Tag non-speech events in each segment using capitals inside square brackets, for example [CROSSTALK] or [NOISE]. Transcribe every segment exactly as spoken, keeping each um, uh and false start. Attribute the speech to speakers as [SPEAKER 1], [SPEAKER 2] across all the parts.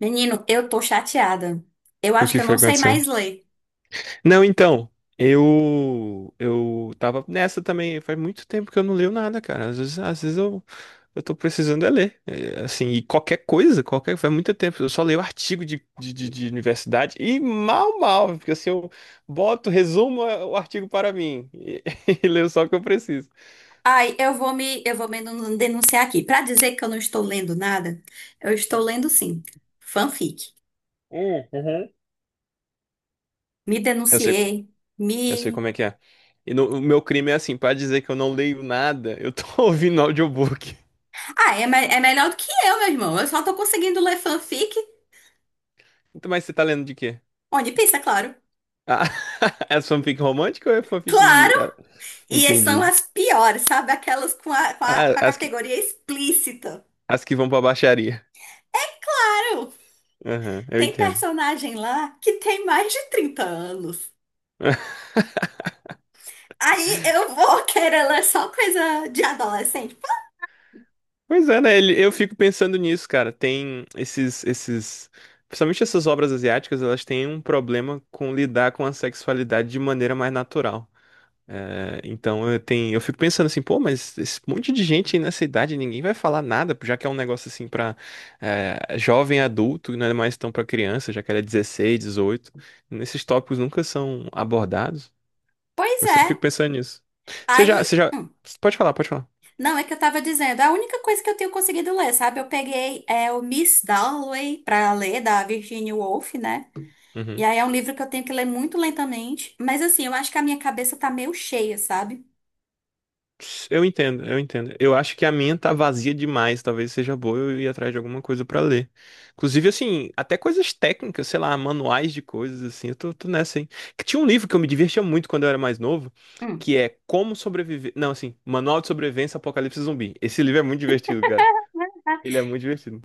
[SPEAKER 1] Menino, eu tô chateada. Eu
[SPEAKER 2] O
[SPEAKER 1] acho que
[SPEAKER 2] que
[SPEAKER 1] eu
[SPEAKER 2] foi
[SPEAKER 1] não
[SPEAKER 2] que
[SPEAKER 1] sei
[SPEAKER 2] aconteceu?
[SPEAKER 1] mais ler.
[SPEAKER 2] Não, então, eu eu tava nessa também, faz muito tempo que eu não leio nada, cara. Às vezes, às vezes eu eu tô precisando é ler. É, assim, e qualquer coisa, qualquer, faz muito tempo, eu só leio artigo de, de, de, de universidade e mal, mal, porque assim, eu boto, resumo é, o artigo para mim e, [LAUGHS] e leio só o que eu preciso.
[SPEAKER 1] Ai, eu vou me, eu vou me denun- denunciar aqui. Pra dizer que eu não estou lendo nada, eu estou lendo sim, fanfic.
[SPEAKER 2] Hum, uhum.
[SPEAKER 1] Me
[SPEAKER 2] Eu sei,
[SPEAKER 1] denunciei, me...
[SPEAKER 2] eu sei como é que é. E no- o meu crime é assim, para dizer que eu não leio nada, eu tô [LAUGHS] ouvindo audiobook.
[SPEAKER 1] Ah, é, me- é melhor do que eu, meu irmão. Eu só tô conseguindo ler fanfic.
[SPEAKER 2] Então, mas você tá lendo de quê?
[SPEAKER 1] Onde pensa, claro.
[SPEAKER 2] Ah, [LAUGHS] as fanfic romântica ou é fanfic.
[SPEAKER 1] Claro!
[SPEAKER 2] Ah,
[SPEAKER 1] E são
[SPEAKER 2] entendi.
[SPEAKER 1] as piores, sabe? Aquelas com a, com a,
[SPEAKER 2] Ah,
[SPEAKER 1] com a
[SPEAKER 2] as que,
[SPEAKER 1] categoria explícita.
[SPEAKER 2] as que vão pra baixaria.
[SPEAKER 1] Claro!
[SPEAKER 2] Aham, eu
[SPEAKER 1] Tem
[SPEAKER 2] entendo.
[SPEAKER 1] personagem lá que tem mais de trinta anos.
[SPEAKER 2] [LAUGHS]
[SPEAKER 1] Aí eu vou [LAUGHS] querer ler só coisa de adolescente?
[SPEAKER 2] Pois é, né? ele- Eu fico pensando nisso, cara. Tem esses, esses. Principalmente essas obras asiáticas, elas têm um problema com lidar com a sexualidade de maneira mais natural. É, então eu tenho, eu fico pensando assim, pô, mas esse monte de gente aí nessa idade, ninguém vai falar nada, já que é um negócio assim pra é, jovem adulto, e não é mais tão pra criança, já que era dezesseis dezoito. Nesses tópicos nunca são abordados.
[SPEAKER 1] Pois
[SPEAKER 2] Eu sempre fico
[SPEAKER 1] é.
[SPEAKER 2] pensando nisso. Você já, você
[SPEAKER 1] Aí.
[SPEAKER 2] já,
[SPEAKER 1] Hum,
[SPEAKER 2] pode falar, pode falar.
[SPEAKER 1] Não, é que eu tava dizendo. é A única coisa que eu tenho conseguido ler, sabe? Eu peguei é, o Miss Dalloway pra ler, da Virginia Woolf, né? E
[SPEAKER 2] Uhum.
[SPEAKER 1] aí é um livro que eu tenho que ler muito lentamente. Mas assim, eu acho que a minha cabeça tá meio cheia, sabe?
[SPEAKER 2] Eu entendo, eu entendo. Eu acho que a minha tá vazia demais, talvez seja boa eu ir atrás de alguma coisa pra ler. Inclusive, assim, até coisas técnicas, sei lá, manuais de coisas, assim, eu tô, tô nessa, hein. Que tinha um livro que eu me divertia muito quando eu era mais novo,
[SPEAKER 1] Hum.
[SPEAKER 2] que é Como Sobreviver. Não, assim, Manual de Sobrevivência Apocalipse Zumbi. Esse livro é muito divertido, ele é muito divertido.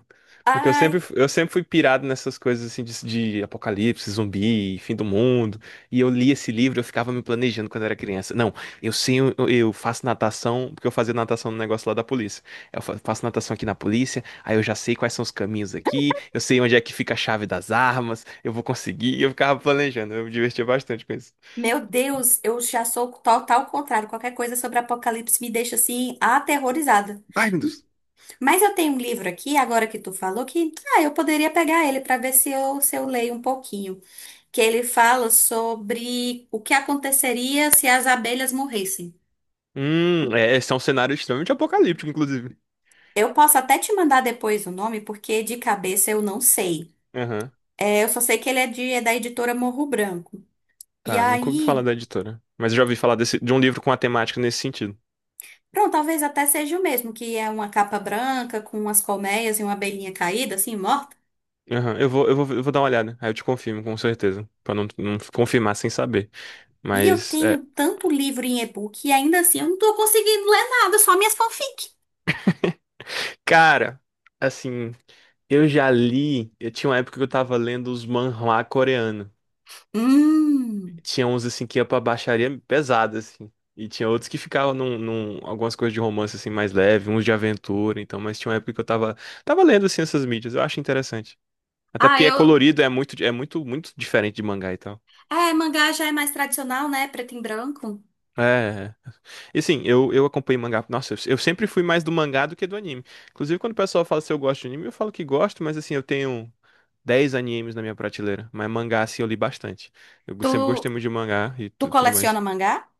[SPEAKER 2] Porque eu
[SPEAKER 1] Ai,
[SPEAKER 2] sempre, eu sempre fui pirado nessas coisas assim de, de apocalipse, zumbi, fim do mundo. E eu li esse livro, eu ficava me planejando quando era criança. Não, eu sei, eu, eu faço natação, porque eu fazia natação no negócio lá da polícia. Eu fa- faço natação aqui na polícia, aí eu já sei quais são os caminhos aqui, eu sei onde é que fica a chave das armas, eu vou conseguir. E eu ficava planejando, eu me divertia bastante com isso.
[SPEAKER 1] meu Deus, eu já sou total contrário. Qualquer coisa sobre apocalipse me deixa assim, aterrorizada.
[SPEAKER 2] Ai, meu Deus.
[SPEAKER 1] Mas eu tenho um livro aqui, agora que tu falou, que ah, eu poderia pegar ele para ver se eu, se eu leio um pouquinho. Que ele fala sobre o que aconteceria se as abelhas morressem.
[SPEAKER 2] Hum, é, esse é um cenário extremamente apocalíptico, inclusive.
[SPEAKER 1] Eu posso até te mandar depois o nome, porque de cabeça eu não sei.
[SPEAKER 2] Aham.
[SPEAKER 1] É, eu só sei que ele é, de, é da editora Morro Branco. E
[SPEAKER 2] Tá, nunca ouvi falar
[SPEAKER 1] aí,
[SPEAKER 2] da editora. Mas eu já ouvi falar desse, de um livro com a temática nesse sentido.
[SPEAKER 1] pronto, talvez até seja o mesmo, que é uma capa branca com umas colmeias e uma abelhinha caída, assim, morta.
[SPEAKER 2] Aham, eu vou, eu vou, eu vou dar uma olhada. Aí eu te confirmo, com certeza. Pra não, não confirmar sem saber.
[SPEAKER 1] E eu
[SPEAKER 2] Mas, é.
[SPEAKER 1] tenho tanto livro em e-book e ainda assim eu não tô conseguindo ler nada, só minhas fanfics.
[SPEAKER 2] Cara, assim, eu já li. Eu tinha uma época que eu tava lendo os manhwa coreanos.
[SPEAKER 1] Hum.
[SPEAKER 2] Tinha uns, assim, que ia pra baixaria pesada, assim. E tinha outros que ficavam num, num- algumas coisas de romance, assim, mais leve, uns de aventura, então. Mas tinha uma época que eu tava, tava lendo, assim, essas mídias. Eu acho interessante. Até
[SPEAKER 1] Ah,
[SPEAKER 2] porque é
[SPEAKER 1] eu.
[SPEAKER 2] colorido, é muito, é muito, muito diferente de mangá e tal.
[SPEAKER 1] É, mangá já é mais tradicional, né? Preto e branco.
[SPEAKER 2] É. É. E sim, eu, eu acompanhei mangá. Nossa, eu, eu sempre fui mais do mangá do que do anime. Inclusive, quando o pessoal fala se eu gosto de anime, eu falo que gosto, mas assim, eu tenho dez animes na minha prateleira. Mas mangá, assim, eu li bastante. Eu sempre
[SPEAKER 1] Tu,
[SPEAKER 2] gostei muito de mangá e
[SPEAKER 1] tu
[SPEAKER 2] tu- tudo mais.
[SPEAKER 1] coleciona mangá?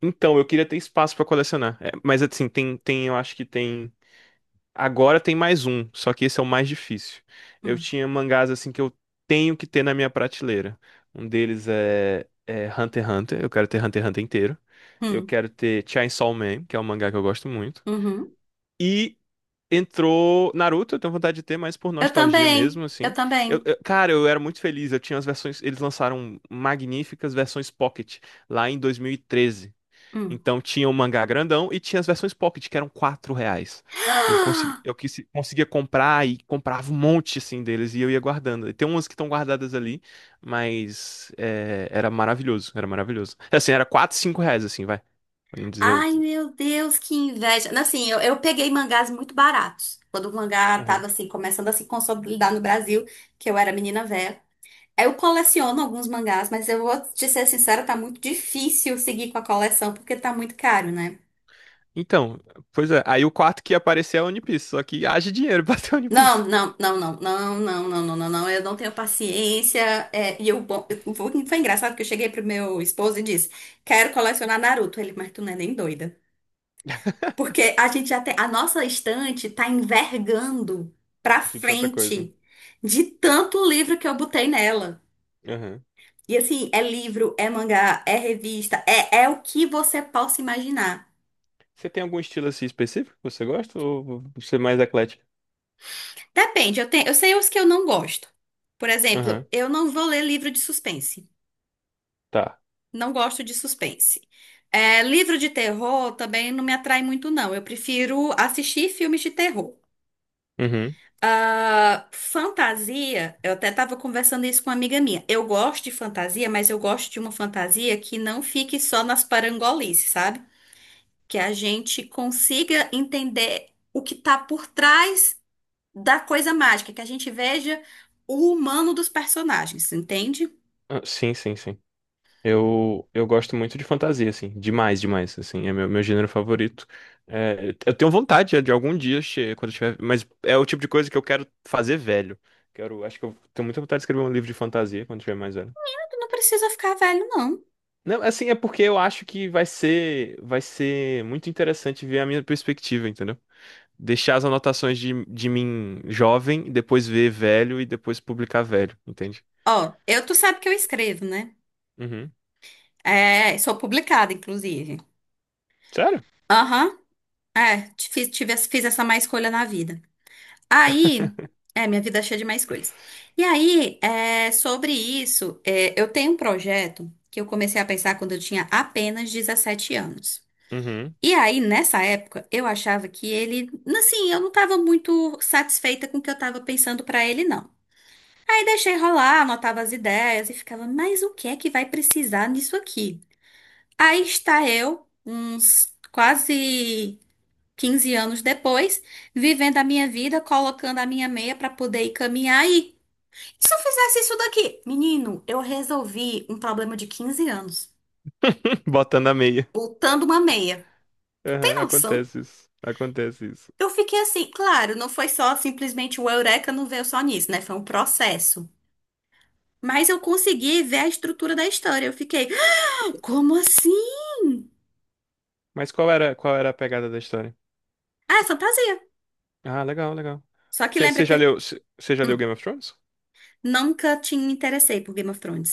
[SPEAKER 2] Então, eu queria ter espaço pra colecionar. É, mas assim, tem, tem, eu acho que tem. Agora tem mais um, só que esse é o mais difícil. Eu
[SPEAKER 1] Hum.
[SPEAKER 2] tinha mangás assim que eu tenho que ter na minha prateleira. Um deles é, é Hunter x Hunter, eu quero ter Hunter x Hunter inteiro. Eu
[SPEAKER 1] Hum.
[SPEAKER 2] quero ter Chainsaw Man, que é um mangá que eu gosto muito.
[SPEAKER 1] Uhum.
[SPEAKER 2] E entrou Naruto, eu tenho vontade de ter, mas por
[SPEAKER 1] Eu
[SPEAKER 2] nostalgia
[SPEAKER 1] também.
[SPEAKER 2] mesmo,
[SPEAKER 1] Eu
[SPEAKER 2] assim. Eu,
[SPEAKER 1] também.
[SPEAKER 2] eu- cara, eu era muito feliz, eu tinha as versões, eles lançaram magníficas versões Pocket lá em dois mil e treze.
[SPEAKER 1] Hum.
[SPEAKER 2] Então
[SPEAKER 1] [GASPS]
[SPEAKER 2] tinha o mangá grandão e tinha as versões Pocket, que eram quatro reais. Eu, consegui,
[SPEAKER 1] Ah!
[SPEAKER 2] eu quis- Conseguia comprar e comprava um monte assim deles e eu ia guardando. E tem umas que estão guardadas ali, mas é, era maravilhoso, era maravilhoso. Assim, era quatro cinco reais, assim, vai. Pra não dizer.
[SPEAKER 1] Ai,
[SPEAKER 2] o-
[SPEAKER 1] meu Deus, que inveja. Assim, eu, eu peguei mangás muito baratos. Quando o mangá
[SPEAKER 2] Aham.
[SPEAKER 1] tava assim, começando a se consolidar no Brasil, que eu era menina velha. Eu coleciono alguns mangás, mas eu vou te ser sincera, tá muito difícil seguir com a coleção, porque tá muito caro, né?
[SPEAKER 2] Então, pois é, aí o quarto que ia aparecer é o One Piece, só que haja dinheiro [LAUGHS] pra ter o One Piece.
[SPEAKER 1] Não, não, não, não, não, não, não, não, não, não, eu não tenho paciência. é, e eu, bom, eu- foi foi engraçado que eu cheguei pro meu esposo e disse: Quero colecionar Naruto. Ele, mas tu não é nem doida. Porque a gente já tem, a nossa estante tá envergando pra
[SPEAKER 2] De tanta coisa.
[SPEAKER 1] frente de tanto livro que eu botei nela.
[SPEAKER 2] Aham.
[SPEAKER 1] E assim, é livro, é mangá, é revista, é, é o que você possa imaginar.
[SPEAKER 2] Você tem algum estilo assim específico que você gosta ou você é mais eclético?
[SPEAKER 1] Depende, eu tenho, eu sei os que eu não gosto. Por exemplo,
[SPEAKER 2] Aham.
[SPEAKER 1] eu não vou ler livro de suspense.
[SPEAKER 2] Tá.
[SPEAKER 1] Não gosto de suspense. É, livro de terror também não me atrai muito, não. Eu prefiro assistir filmes de terror.
[SPEAKER 2] Uhum.
[SPEAKER 1] Ah, fantasia, eu até estava conversando isso com uma amiga minha. Eu gosto de fantasia, mas eu gosto de uma fantasia que não fique só nas parangolices, sabe? Que a gente consiga entender o que está por trás da coisa mágica, que a gente veja o humano dos personagens, entende?
[SPEAKER 2] Ah, sim, sim, sim. Eu, eu gosto muito de fantasia, assim, demais, demais, assim, é meu, meu gênero favorito. É, eu tenho vontade de algum dia, che- quando eu tiver, mas é o tipo de coisa que eu quero fazer velho. Quero, acho que eu tenho muita vontade de escrever um livro de fantasia quando eu tiver mais velho.
[SPEAKER 1] Tu não precisa ficar velho, não.
[SPEAKER 2] Não, assim, é porque eu acho que vai ser, vai ser muito interessante ver a minha perspectiva, entendeu? Deixar as anotações de, de mim jovem, depois ver velho e depois publicar velho, entende?
[SPEAKER 1] Ó, eu tu sabe que eu escrevo, né?
[SPEAKER 2] Uhum.
[SPEAKER 1] É, sou publicada, inclusive.
[SPEAKER 2] Sério?
[SPEAKER 1] Aham, é, ti- fiz, tive, essa- fiz essa má escolha na vida. Aí, é, minha vida é cheia de má escolhas. E aí, é, sobre isso, é, eu tenho um projeto que eu comecei a pensar quando eu tinha apenas dezessete anos.
[SPEAKER 2] Uhum.
[SPEAKER 1] E aí, nessa época, eu achava que ele, assim, eu não estava muito satisfeita com o que eu estava pensando para ele, não. Aí deixei rolar, anotava as ideias e ficava, mas o que é que vai precisar nisso aqui? Aí está eu, uns quase quinze anos depois, vivendo a minha vida, colocando a minha meia para poder ir caminhar aí. Se eu fizesse isso daqui? Menino, eu resolvi um problema de quinze anos,
[SPEAKER 2] [LAUGHS] Botando a meia.
[SPEAKER 1] botando uma meia. Tem
[SPEAKER 2] Aham,
[SPEAKER 1] noção?
[SPEAKER 2] acontece isso. Acontece isso.
[SPEAKER 1] Eu fiquei assim, claro, não foi só simplesmente o Eureka não veio só nisso, né? Foi um processo. Mas eu consegui ver a estrutura da história. Eu fiquei, "Ah, como assim?
[SPEAKER 2] Mas qual era, qual era a pegada da história?
[SPEAKER 1] Ah, é fantasia.
[SPEAKER 2] Ah, legal, legal.
[SPEAKER 1] Só que lembra
[SPEAKER 2] Você
[SPEAKER 1] que.
[SPEAKER 2] já leu, você já leu Game of Thrones?
[SPEAKER 1] Nunca te interessei por Game of Thrones.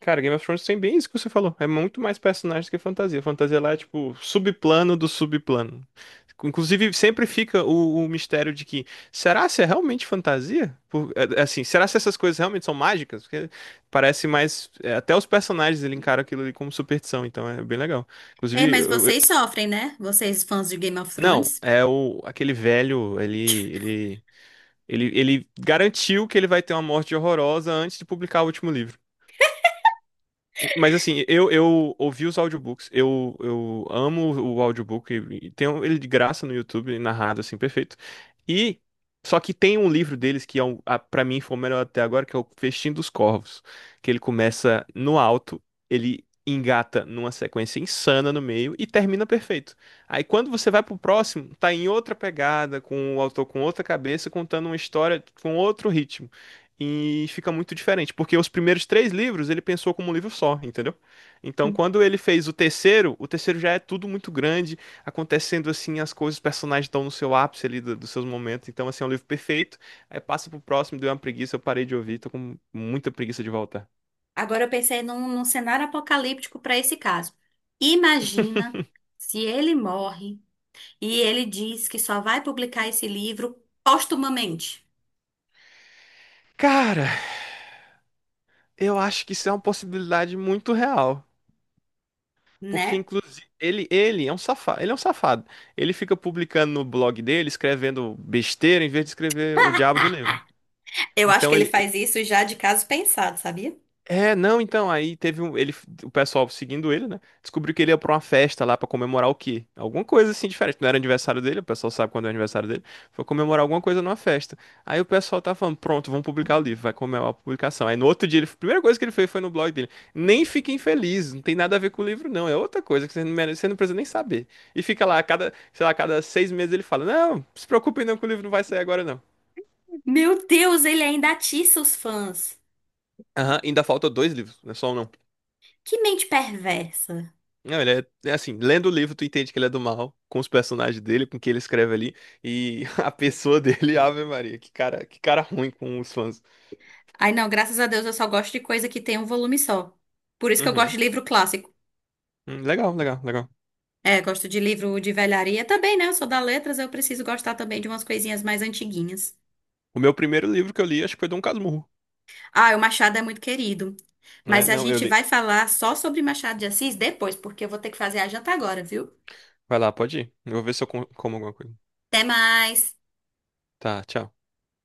[SPEAKER 2] Cara, Game of Thrones tem bem isso que você falou. É muito mais personagens que fantasia. Fantasia lá é tipo subplano do subplano. Inclusive, sempre fica o, o mistério de que será se é realmente fantasia? Por- é- é assim, será se essas coisas realmente são mágicas? Porque parece mais. É, até os personagens ele encara aquilo ali como superstição, então é bem legal.
[SPEAKER 1] É,
[SPEAKER 2] Inclusive,
[SPEAKER 1] mas
[SPEAKER 2] eu,
[SPEAKER 1] vocês sofrem, né? Vocês fãs de Game of
[SPEAKER 2] Não,
[SPEAKER 1] Thrones.
[SPEAKER 2] é o aquele velho, ele, ele, ele, ele garantiu que ele vai ter uma morte horrorosa antes de publicar o último livro. Mas assim, eu, eu ouvi os audiobooks, eu, eu amo o audiobook, e tem um- ele de graça no YouTube, narrado assim, perfeito. E só que tem um livro deles que é um, a, para mim foi o melhor até agora, que é o Festim dos Corvos, que ele começa no alto, ele engata numa sequência insana no meio e termina perfeito. Aí quando você vai pro próximo, tá em outra pegada, com o autor com outra cabeça, contando uma história com outro ritmo. E fica muito diferente, porque os primeiros três livros ele pensou como um livro só, entendeu? Então, quando ele fez o terceiro, o terceiro já é tudo muito grande, acontecendo assim, as coisas, os personagens estão no seu ápice ali do- dos seus momentos. Então, assim, é um livro perfeito. Aí passa pro próximo, deu uma preguiça, eu parei de ouvir, tô com muita preguiça de voltar.
[SPEAKER 1] Agora eu pensei num, num cenário apocalíptico para esse caso.
[SPEAKER 2] [LAUGHS]
[SPEAKER 1] Imagina se ele morre e ele diz que só vai publicar esse livro postumamente,
[SPEAKER 2] Cara, eu acho que isso é uma possibilidade muito real. Porque,
[SPEAKER 1] né?
[SPEAKER 2] inclusive, ele, ele é um safado. Ele é um safado. Ele fica publicando no blog dele, escrevendo besteira, em vez de escrever o diabo do livro.
[SPEAKER 1] Eu acho que
[SPEAKER 2] Então,
[SPEAKER 1] ele
[SPEAKER 2] ele,
[SPEAKER 1] faz isso já de caso pensado, sabia?
[SPEAKER 2] É, não, então, aí teve um, ele, o pessoal seguindo ele, né? Descobriu que ele ia pra uma festa lá pra comemorar o quê? Alguma coisa assim diferente. Não era aniversário dele, o pessoal sabe quando é aniversário dele. Foi comemorar alguma coisa numa festa. Aí o pessoal tá falando, pronto, vamos publicar o livro, vai comemorar a publicação. Aí no outro dia, ele, a primeira coisa que ele fez foi no blog dele. Nem fiquem felizes, não tem nada a ver com o livro, não. É outra coisa que você não, merece- você não precisa nem saber. E fica lá, a cada, sei lá, a cada seis meses ele fala: Não, se preocupem não que o livro não vai sair agora, não.
[SPEAKER 1] Meu Deus, ele ainda atiça os fãs.
[SPEAKER 2] Aham, ainda falta dois livros, não é só um, não.
[SPEAKER 1] Que mente perversa.
[SPEAKER 2] Não, ele é, é assim, lendo o livro tu entende que ele é do mal, com os personagens dele, com o que ele escreve ali, e [LAUGHS] a pessoa dele, Ave Maria, que cara, que cara ruim com os fãs.
[SPEAKER 1] Ai, não, graças a Deus eu só gosto de coisa que tem um volume só. Por isso que eu gosto de
[SPEAKER 2] Uhum.
[SPEAKER 1] livro clássico.
[SPEAKER 2] Hum, legal, legal, legal.
[SPEAKER 1] É, gosto de livro de velharia também, né? Eu sou da letras, eu preciso gostar também de umas coisinhas mais antiguinhas.
[SPEAKER 2] O meu primeiro livro que eu li, acho que foi Dom Casmurro.
[SPEAKER 1] Ah, o Machado é muito querido.
[SPEAKER 2] É,
[SPEAKER 1] Mas a
[SPEAKER 2] não, eu
[SPEAKER 1] gente
[SPEAKER 2] li.
[SPEAKER 1] vai falar só sobre Machado de Assis depois, porque eu vou ter que fazer a janta agora, viu?
[SPEAKER 2] Vai lá, pode ir. Eu vou ver se eu com- como alguma coisa.
[SPEAKER 1] Até mais!
[SPEAKER 2] Tá, tchau.